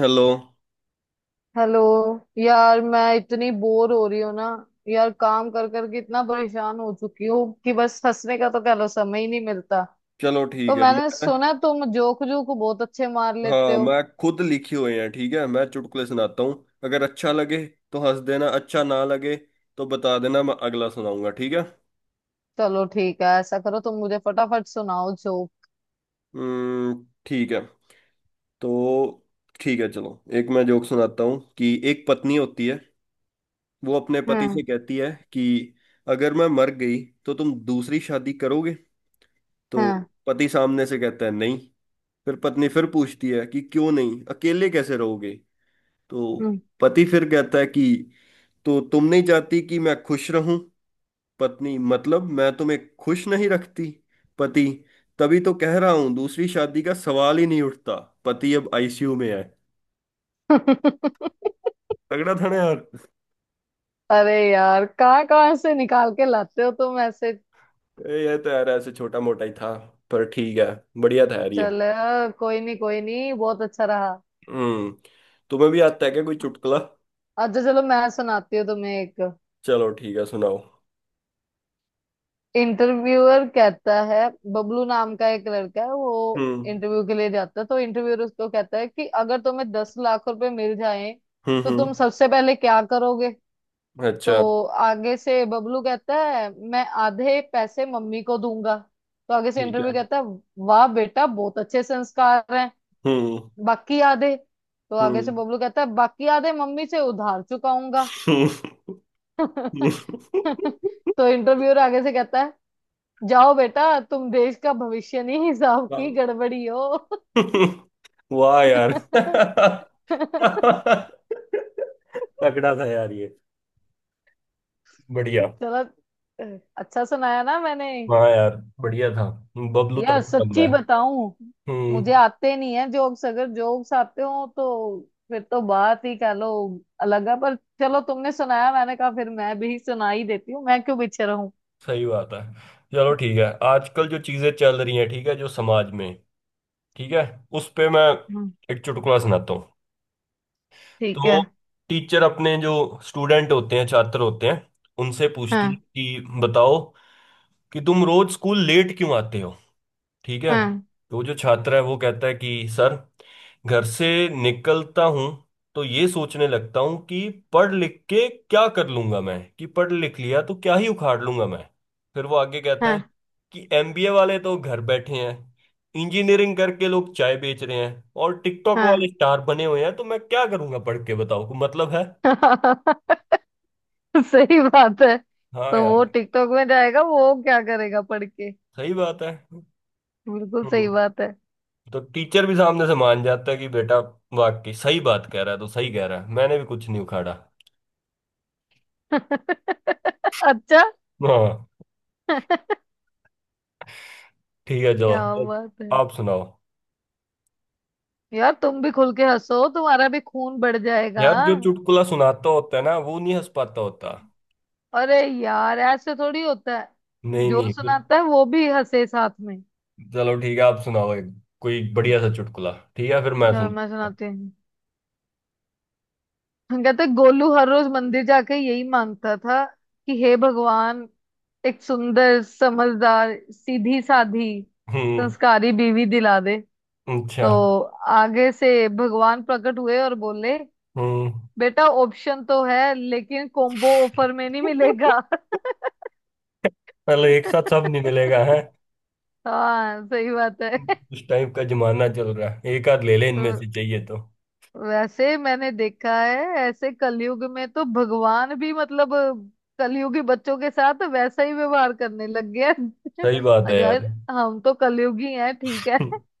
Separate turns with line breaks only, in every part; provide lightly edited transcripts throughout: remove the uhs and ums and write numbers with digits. Hello.
Hello. यार मैं इतनी बोर हो रही हूँ ना। यार काम कर कर के इतना परेशान हो चुकी हूँ कि बस हंसने का तो कह लो समय ही नहीं मिलता।
चलो
तो
ठीक है
मैंने
मैं।
सुना तुम जोक जोक बहुत अच्छे मार लेते
हाँ
हो।
मैं खुद लिखे हुए हैं। ठीक है मैं चुटकुले सुनाता हूँ, अगर अच्छा लगे तो हंस देना, अच्छा ना लगे तो बता देना, मैं अगला सुनाऊंगा। ठीक है।
चलो ठीक है, ऐसा करो तुम मुझे फटाफट सुनाओ जोक।
हम्म। ठीक है तो ठीक है चलो, एक मैं जोक सुनाता हूँ कि एक पत्नी होती है। वो अपने पति
हम्म।
से कहती है कि अगर मैं मर गई तो तुम दूसरी शादी करोगे। तो
हम्म।
पति सामने से कहता है नहीं। फिर पत्नी फिर पूछती है कि क्यों नहीं, अकेले कैसे रहोगे। तो
हम्म।
पति फिर कहता है कि तो तुम नहीं चाहती कि मैं खुश रहूं। पत्नी, मतलब मैं तुम्हें खुश नहीं रखती। पति, तभी तो कह रहा हूं दूसरी शादी का सवाल ही नहीं उठता। पति अब आईसीयू में है। तगड़ा था ना यार।
अरे यार, कहाँ कहाँ से निकाल के लाते हो तुम ऐसे।
ये तो यार ऐसे छोटा मोटा ही था, पर ठीक है, बढ़िया था यार ये।
चल, कोई नहीं कोई नहीं, बहुत अच्छा रहा।
हम्म। तुम्हें भी आता है क्या कोई चुटकुला?
अच्छा चलो मैं सुनाती हूँ तुम्हें एक।
चलो ठीक है सुनाओ।
इंटरव्यूअर कहता है, बबलू नाम का एक लड़का है वो
हम्म।
इंटरव्यू के लिए जाता है तो इंटरव्यूअर उसको कहता है कि अगर तुम्हें 10 लाख रुपए मिल जाएं
हम्म।
तो तुम
हम्म।
सबसे पहले क्या करोगे। तो
अच्छा।
आगे से बबलू कहता है मैं आधे पैसे मम्मी को दूंगा। तो आगे से
ठीक है।
इंटरव्यू कहता है, वाह बेटा बहुत अच्छे संस्कार हैं,
हम्म।
बाकी आधे? तो आगे से
हम्म।
बबलू कहता है बाकी आधे मम्मी से उधार चुकाऊंगा। तो इंटरव्यूअर आगे से कहता है, जाओ बेटा, तुम देश का भविष्य नहीं, हिसाब की
हम्म।
गड़बड़ी हो।
वाह यार, तगड़ा था यार ये, बढ़िया।
चलो, अच्छा सुनाया ना मैंने।
हाँ यार बढ़िया था, बबलू
यार
तगड़ा
सच्ची
बंदा है।
बताऊं, मुझे
हम्म।
आते नहीं है जोक्स। अगर जोक्स आते हो तो फिर तो बात ही कह लो अलग है। पर चलो, तुमने सुनाया, मैंने कहा फिर मैं भी सुना ही देती हूँ, मैं क्यों पीछे रहूं।
सही बात है। चलो ठीक है, आजकल जो चीजें चल रही हैं, ठीक है, जो समाज में, ठीक है, उस पे मैं
हम्म,
एक चुटकुला सुनाता हूँ।
ठीक है।
तो टीचर अपने जो स्टूडेंट होते हैं, छात्र होते हैं, उनसे पूछती है
हाँ।
कि बताओ कि तुम रोज स्कूल लेट क्यों आते हो। ठीक है।
हाँ।
तो जो छात्र है वो कहता है कि सर घर से निकलता हूं तो ये सोचने लगता हूं कि पढ़ लिख के क्या कर लूंगा मैं, कि पढ़ लिख लिया तो क्या ही उखाड़ लूंगा मैं। फिर वो आगे कहता
हाँ।
है कि एमबीए वाले तो घर बैठे हैं, इंजीनियरिंग करके लोग चाय बेच रहे हैं और टिकटॉक
हाँ।
वाले स्टार बने हुए हैं, तो मैं क्या करूंगा पढ़ के, बताओ को मतलब है।
सही बात है।
हाँ
तो
यार
वो टिकटॉक में जाएगा वो क्या करेगा पढ़ के।
सही बात है।
बिल्कुल सही
हम्म।
बात है।
तो टीचर भी सामने से मान जाता है कि बेटा वाकई सही बात कह रहा है, तो सही कह रहा है, मैंने भी कुछ नहीं उखाड़ा।
अच्छा।
हाँ।
क्या
ठीक है चलो, अब
बात है।
आप सुनाओ।
यार तुम भी खुल के हंसो, तुम्हारा भी खून बढ़ जाएगा।
यार जो चुटकुला सुनाता होता है ना, वो नहीं हंस पाता होता।
अरे यार ऐसे थोड़ी होता है,
नहीं
जो
नहीं फिर,
सुनाता है वो भी हंसे साथ में।
चलो ठीक है आप सुनाओ एक कोई बढ़िया सा चुटकुला, ठीक है, फिर मैं
चलो मैं
सुना।
सुनाती हूँ। हम कहते हैं, गोलू हर रोज मंदिर जाके यही मांगता था कि हे भगवान, एक सुंदर समझदार सीधी साधी
हम्म।
संस्कारी बीवी दिला दे।
अच्छा।
तो आगे से भगवान प्रकट हुए और बोले,
हम्म।
बेटा ऑप्शन तो है लेकिन कॉम्बो ऑफर में नहीं मिलेगा।
मतलब एक साथ सब नहीं मिलेगा है,
हाँ सही बात
उस टाइप का जमाना चल रहा है, एक आध ले ले
है।
इनमें से चाहिए तो।
वैसे मैंने देखा है ऐसे कलयुग में तो भगवान भी मतलब कलयुगी बच्चों के साथ वैसा ही व्यवहार करने लग गया है।
सही बात है
और
यार।
यार हम तो कलयुगी हैं, ठीक है।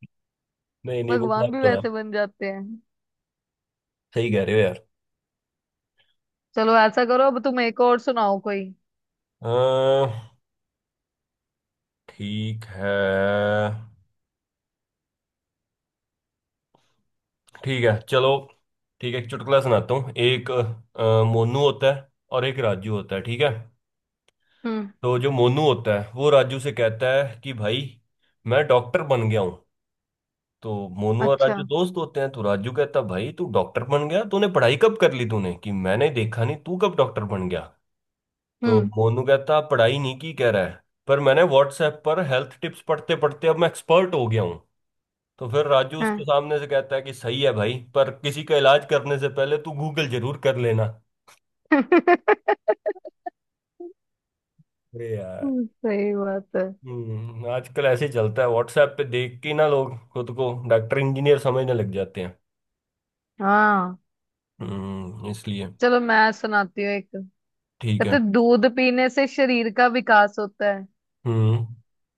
नहीं नहीं वो
भगवान
बात
भी
तो है,
वैसे बन जाते हैं।
सही कह रहे हो यार।
चलो ऐसा करो, अब तुम एक और सुनाओ कोई।
अह, ठीक है। ठीक है चलो, ठीक है एक चुटकुला सुनाता हूँ। एक मोनू होता है और एक राजू होता है, ठीक है।
हम्म।
तो जो मोनू होता है वो राजू से कहता है कि भाई मैं डॉक्टर बन गया हूँ। तो मोनू और
अच्छा।
राजू दोस्त होते हैं, तो राजू कहता है भाई तू डॉक्टर बन गया, तूने पढ़ाई कब कर ली तूने, कि मैंने देखा नहीं तू कब डॉक्टर बन गया। तो
हम्म।
मोनू कहता पढ़ाई नहीं की, कह रहा है पर मैंने व्हाट्सएप पर हेल्थ टिप्स पढ़ते पढ़ते अब मैं एक्सपर्ट हो गया हूँ। तो फिर राजू उसको
हाँ।
सामने से कहता है कि सही है भाई, पर किसी का इलाज करने से पहले तू गूगल जरूर कर लेना।
सही
अरे यार।
बात है।
हम्म। आजकल ऐसे ही चलता है, व्हाट्सएप पे देख के ना लोग खुद को डॉक्टर इंजीनियर समझने लग जाते हैं।
हाँ।
हम्म, इसलिए
चलो मैं सुनाती हूँ एक।
ठीक है।
कहते दूध पीने से शरीर का विकास होता है
हम्म।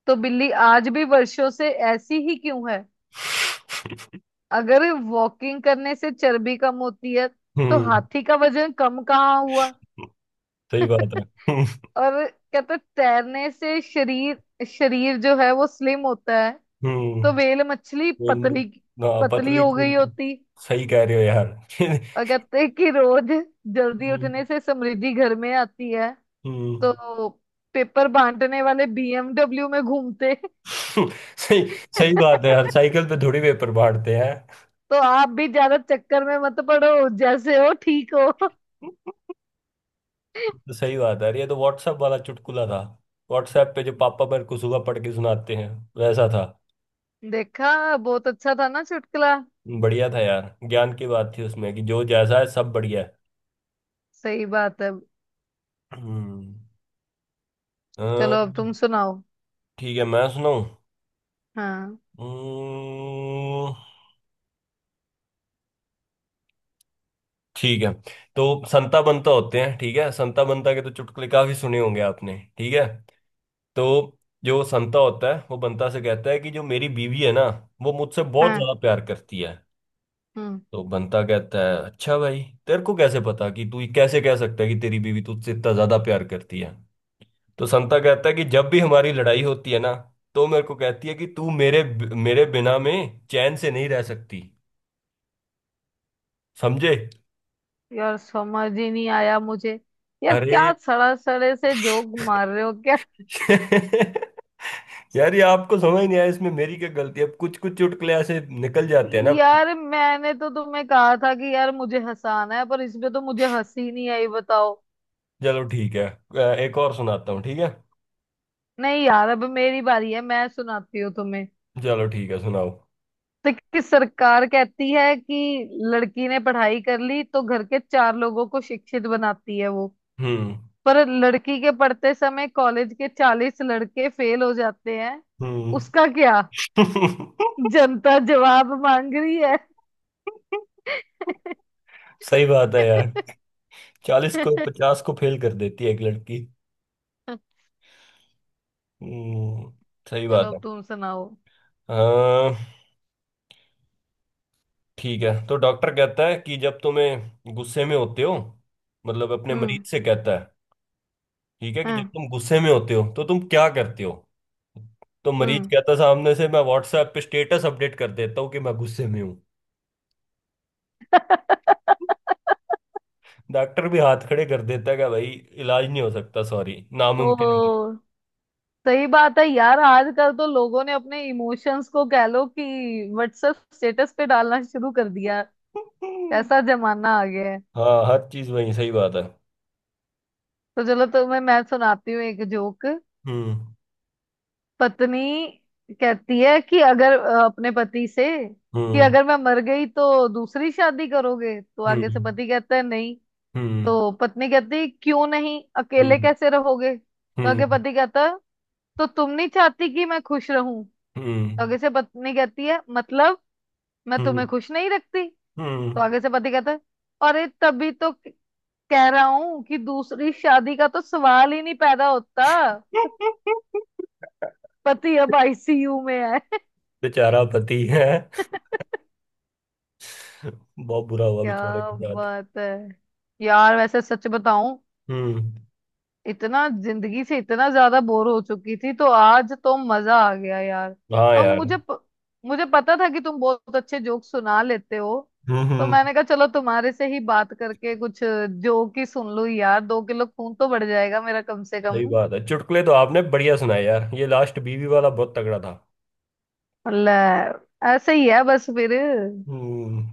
तो बिल्ली आज भी वर्षों से ऐसी ही क्यों है? अगर वॉकिंग करने से चर्बी कम होती है तो
हम्म।
हाथी का वजन कम कहाँ हुआ?
सही बात है। हम्म।
और कहते हैं, तैरने से शरीर शरीर जो है वो स्लिम होता है
हम्म,
तो व्हेल मछली
बोल में
पतली
ना,
पतली
पतली
हो
कूल।
गई होती।
सही कह रहे हो यार।
और कहते हैं कि रोज जल्दी
हम्म।
उठने से समृद्धि घर में आती है
हम्म।
तो पेपर बांटने वाले बीएमडब्ल्यू में घूमते।
सही। सही बात है यार, साइकिल पे थोड़ी पेपर बांटते हैं।
तो आप भी ज्यादा चक्कर में मत पड़ो, जैसे हो ठीक हो।
तो सही बात है, अरे ये तो व्हाट्सएप वाला चुटकुला था, व्हाट्सएप पे जो पापा मेरे को सुबह पढ़ के सुनाते हैं, वैसा था।
देखा, बहुत अच्छा था ना चुटकुला।
बढ़िया था यार, ज्ञान की बात थी उसमें कि जो जैसा है सब बढ़िया है।
सही बात है।
हम्म। अ,
चलो अब तुम सुनाओ।
ठीक है मैं सुनाऊं।
हाँ।
हम्म। ठीक है। तो संता बंता होते हैं, ठीक है, संता बंता के तो चुटकुले काफी सुने होंगे आपने, ठीक है। तो जो संता होता है वो बंता से कहता है कि जो मेरी बीवी है ना, वो मुझसे बहुत
हाँ।
ज्यादा प्यार करती है।
हम्म।
तो बनता कहता है अच्छा भाई, तेरे को कैसे पता, कि तू कैसे कह सकता है कि तेरी बीवी तुझसे इतना ज्यादा प्यार करती है। तो संता कहता है कि जब भी हमारी लड़ाई होती है ना, तो मेरे को कहती है कि तू मेरे मेरे बिना में चैन से नहीं रह सकती। समझे?
यार समझ ही नहीं आया मुझे। यार
अरे
क्या सड़ा सड़े से जोक मार रहे हो क्या।
यार ये आपको समझ नहीं आया, इसमें मेरी क्या गलती है, अब कुछ कुछ चुटकुले ऐसे निकल जाते हैं ना।
यार मैंने तो तुम्हें कहा था कि यार मुझे हंसाना है, पर इसमें तो मुझे हंसी नहीं आई, बताओ।
चलो ठीक है, एक और सुनाता हूँ, ठीक है।
नहीं यार, अब मेरी बारी है, मैं सुनाती हूँ तुम्हें।
चलो ठीक है सुनाओ।
तो कि सरकार कहती है कि लड़की ने पढ़ाई कर ली तो घर के चार लोगों को शिक्षित बनाती है वो।
हम्म।
पर लड़की के पढ़ते समय कॉलेज के 40 लड़के फेल हो जाते हैं,
हम्म।
उसका क्या? जनता जवाब मांग रही है।
सही बात है यार, चालीस को पचास को फेल कर देती है एक लड़की। हम्म। सही
चलो
बात है।
अब तुम सुनाओ।
हाँ ठीक है। तो डॉक्टर कहता है कि जब तुम्हें गुस्से में होते हो, मतलब अपने
हम्म।
मरीज से कहता है, ठीक है, कि जब
हम्म।
तुम गुस्से में होते हो तो तुम क्या करते हो। तो मरीज
हम्म।
कहता है, सामने से, मैं व्हाट्सएप पे स्टेटस अपडेट कर देता हूँ कि मैं गुस्से में हूँ। डॉक्टर भी हाथ खड़े कर देता है कि भाई इलाज नहीं हो सकता, सॉरी, नामुमकिन है भाई।
ओ, सही बात है यार। आजकल तो लोगों ने अपने इमोशंस को कह लो कि व्हाट्सएप स्टेटस पे डालना शुरू कर दिया। कैसा जमाना आ गया है।
हाँ हर चीज वही, सही बात है।
तो चलो तुम्हें मैं सुनाती हूँ एक जोक।
हम्म।
पत्नी कहती है कि अगर अपने पति से कि
हम्म।
अगर मैं मर गई तो दूसरी शादी करोगे, तो आगे से
हम्म।
पति कहता है नहीं।
हम्म।
तो पत्नी कहती है क्यों नहीं, अकेले
हम्म।
कैसे रहोगे, तो आगे
हम्म।
पति कहता है तो तुम नहीं चाहती कि मैं खुश रहूं।
हम्म।
तो आगे से पत्नी कहती है मतलब मैं
हम्म।
तुम्हें खुश नहीं रखती। तो
हम्म।
आगे से पति कहता है, अरे तभी तो कह रहा हूं कि दूसरी शादी का तो सवाल ही नहीं पैदा होता। पति अब आईसीयू में है।
बेचारा पति है, बहुत बुरा हुआ
क्या
बेचारे के साथ।
बात है। यार वैसे सच बताऊं,
हम्म।
इतना जिंदगी से इतना ज्यादा बोर हो चुकी थी तो आज तो मजा आ गया यार।
हाँ
और
यार।
मुझे मुझे पता था कि तुम बहुत अच्छे जोक सुना लेते हो।
हम्म।
तो
हम्म।
मैंने कहा चलो तुम्हारे से ही बात करके कुछ जोक ही सुन लूं यार, 2 किलो खून तो बढ़ जाएगा मेरा कम से कम।
सही बात है, चुटकुले तो आपने बढ़िया सुनाए यार, ये लास्ट बीवी वाला बहुत तगड़ा था।
ले, ऐसे ही है बस फिर।
हम्म।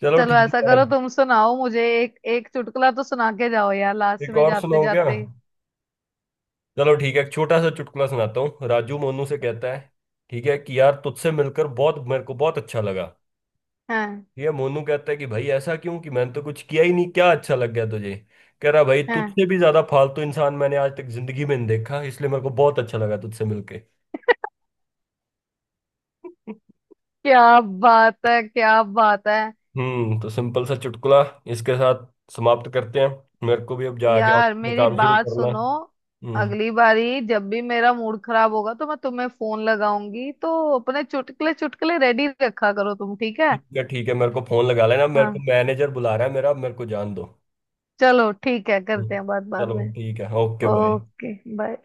चलो
चलो
ठीक
ऐसा
है
करो
यार।
तुम सुनाओ मुझे एक एक चुटकुला तो सुना के जाओ यार, लास्ट
एक
में
और
जाते
सुनाओ क्या?
जाते।
चलो ठीक है, एक छोटा सा चुटकुला सुनाता हूँ। राजू मोनू से कहता है, ठीक है, कि यार तुझसे मिलकर बहुत, मेरे को बहुत अच्छा लगा।
हाँ।
ये मोनू कहता है कि भाई ऐसा क्यों, कि मैंने तो कुछ किया ही नहीं, क्या अच्छा लग गया तुझे? कह रहा भाई
हाँ।
तुझसे भी ज्यादा फालतू इंसान मैंने आज तक जिंदगी में नहीं देखा, इसलिए मेरे को बहुत अच्छा लगा तुझसे मिलके।
क्या बात है क्या बात है।
हम्म। तो सिंपल सा चुटकुला, इसके साथ समाप्त करते हैं, मेरे को भी अब जाके ऑफिस
यार
में
मेरी
काम शुरू
बात
करना है।
सुनो,
हम्म।
अगली बारी जब भी मेरा मूड खराब होगा तो मैं तुम्हें फोन लगाऊंगी, तो अपने चुटकुले चुटकुले रेडी रखा करो तुम ठीक है।
ठीक है ठीक है, मेरे को फोन लगा लेना, मेरे को
हाँ।
मैनेजर बुला रहा है मेरा, मेरे को जान दो।
चलो ठीक है, करते
हम्म।
हैं बात बाद
चलो
में।
ठीक है, ओके बाय।
Okay bye.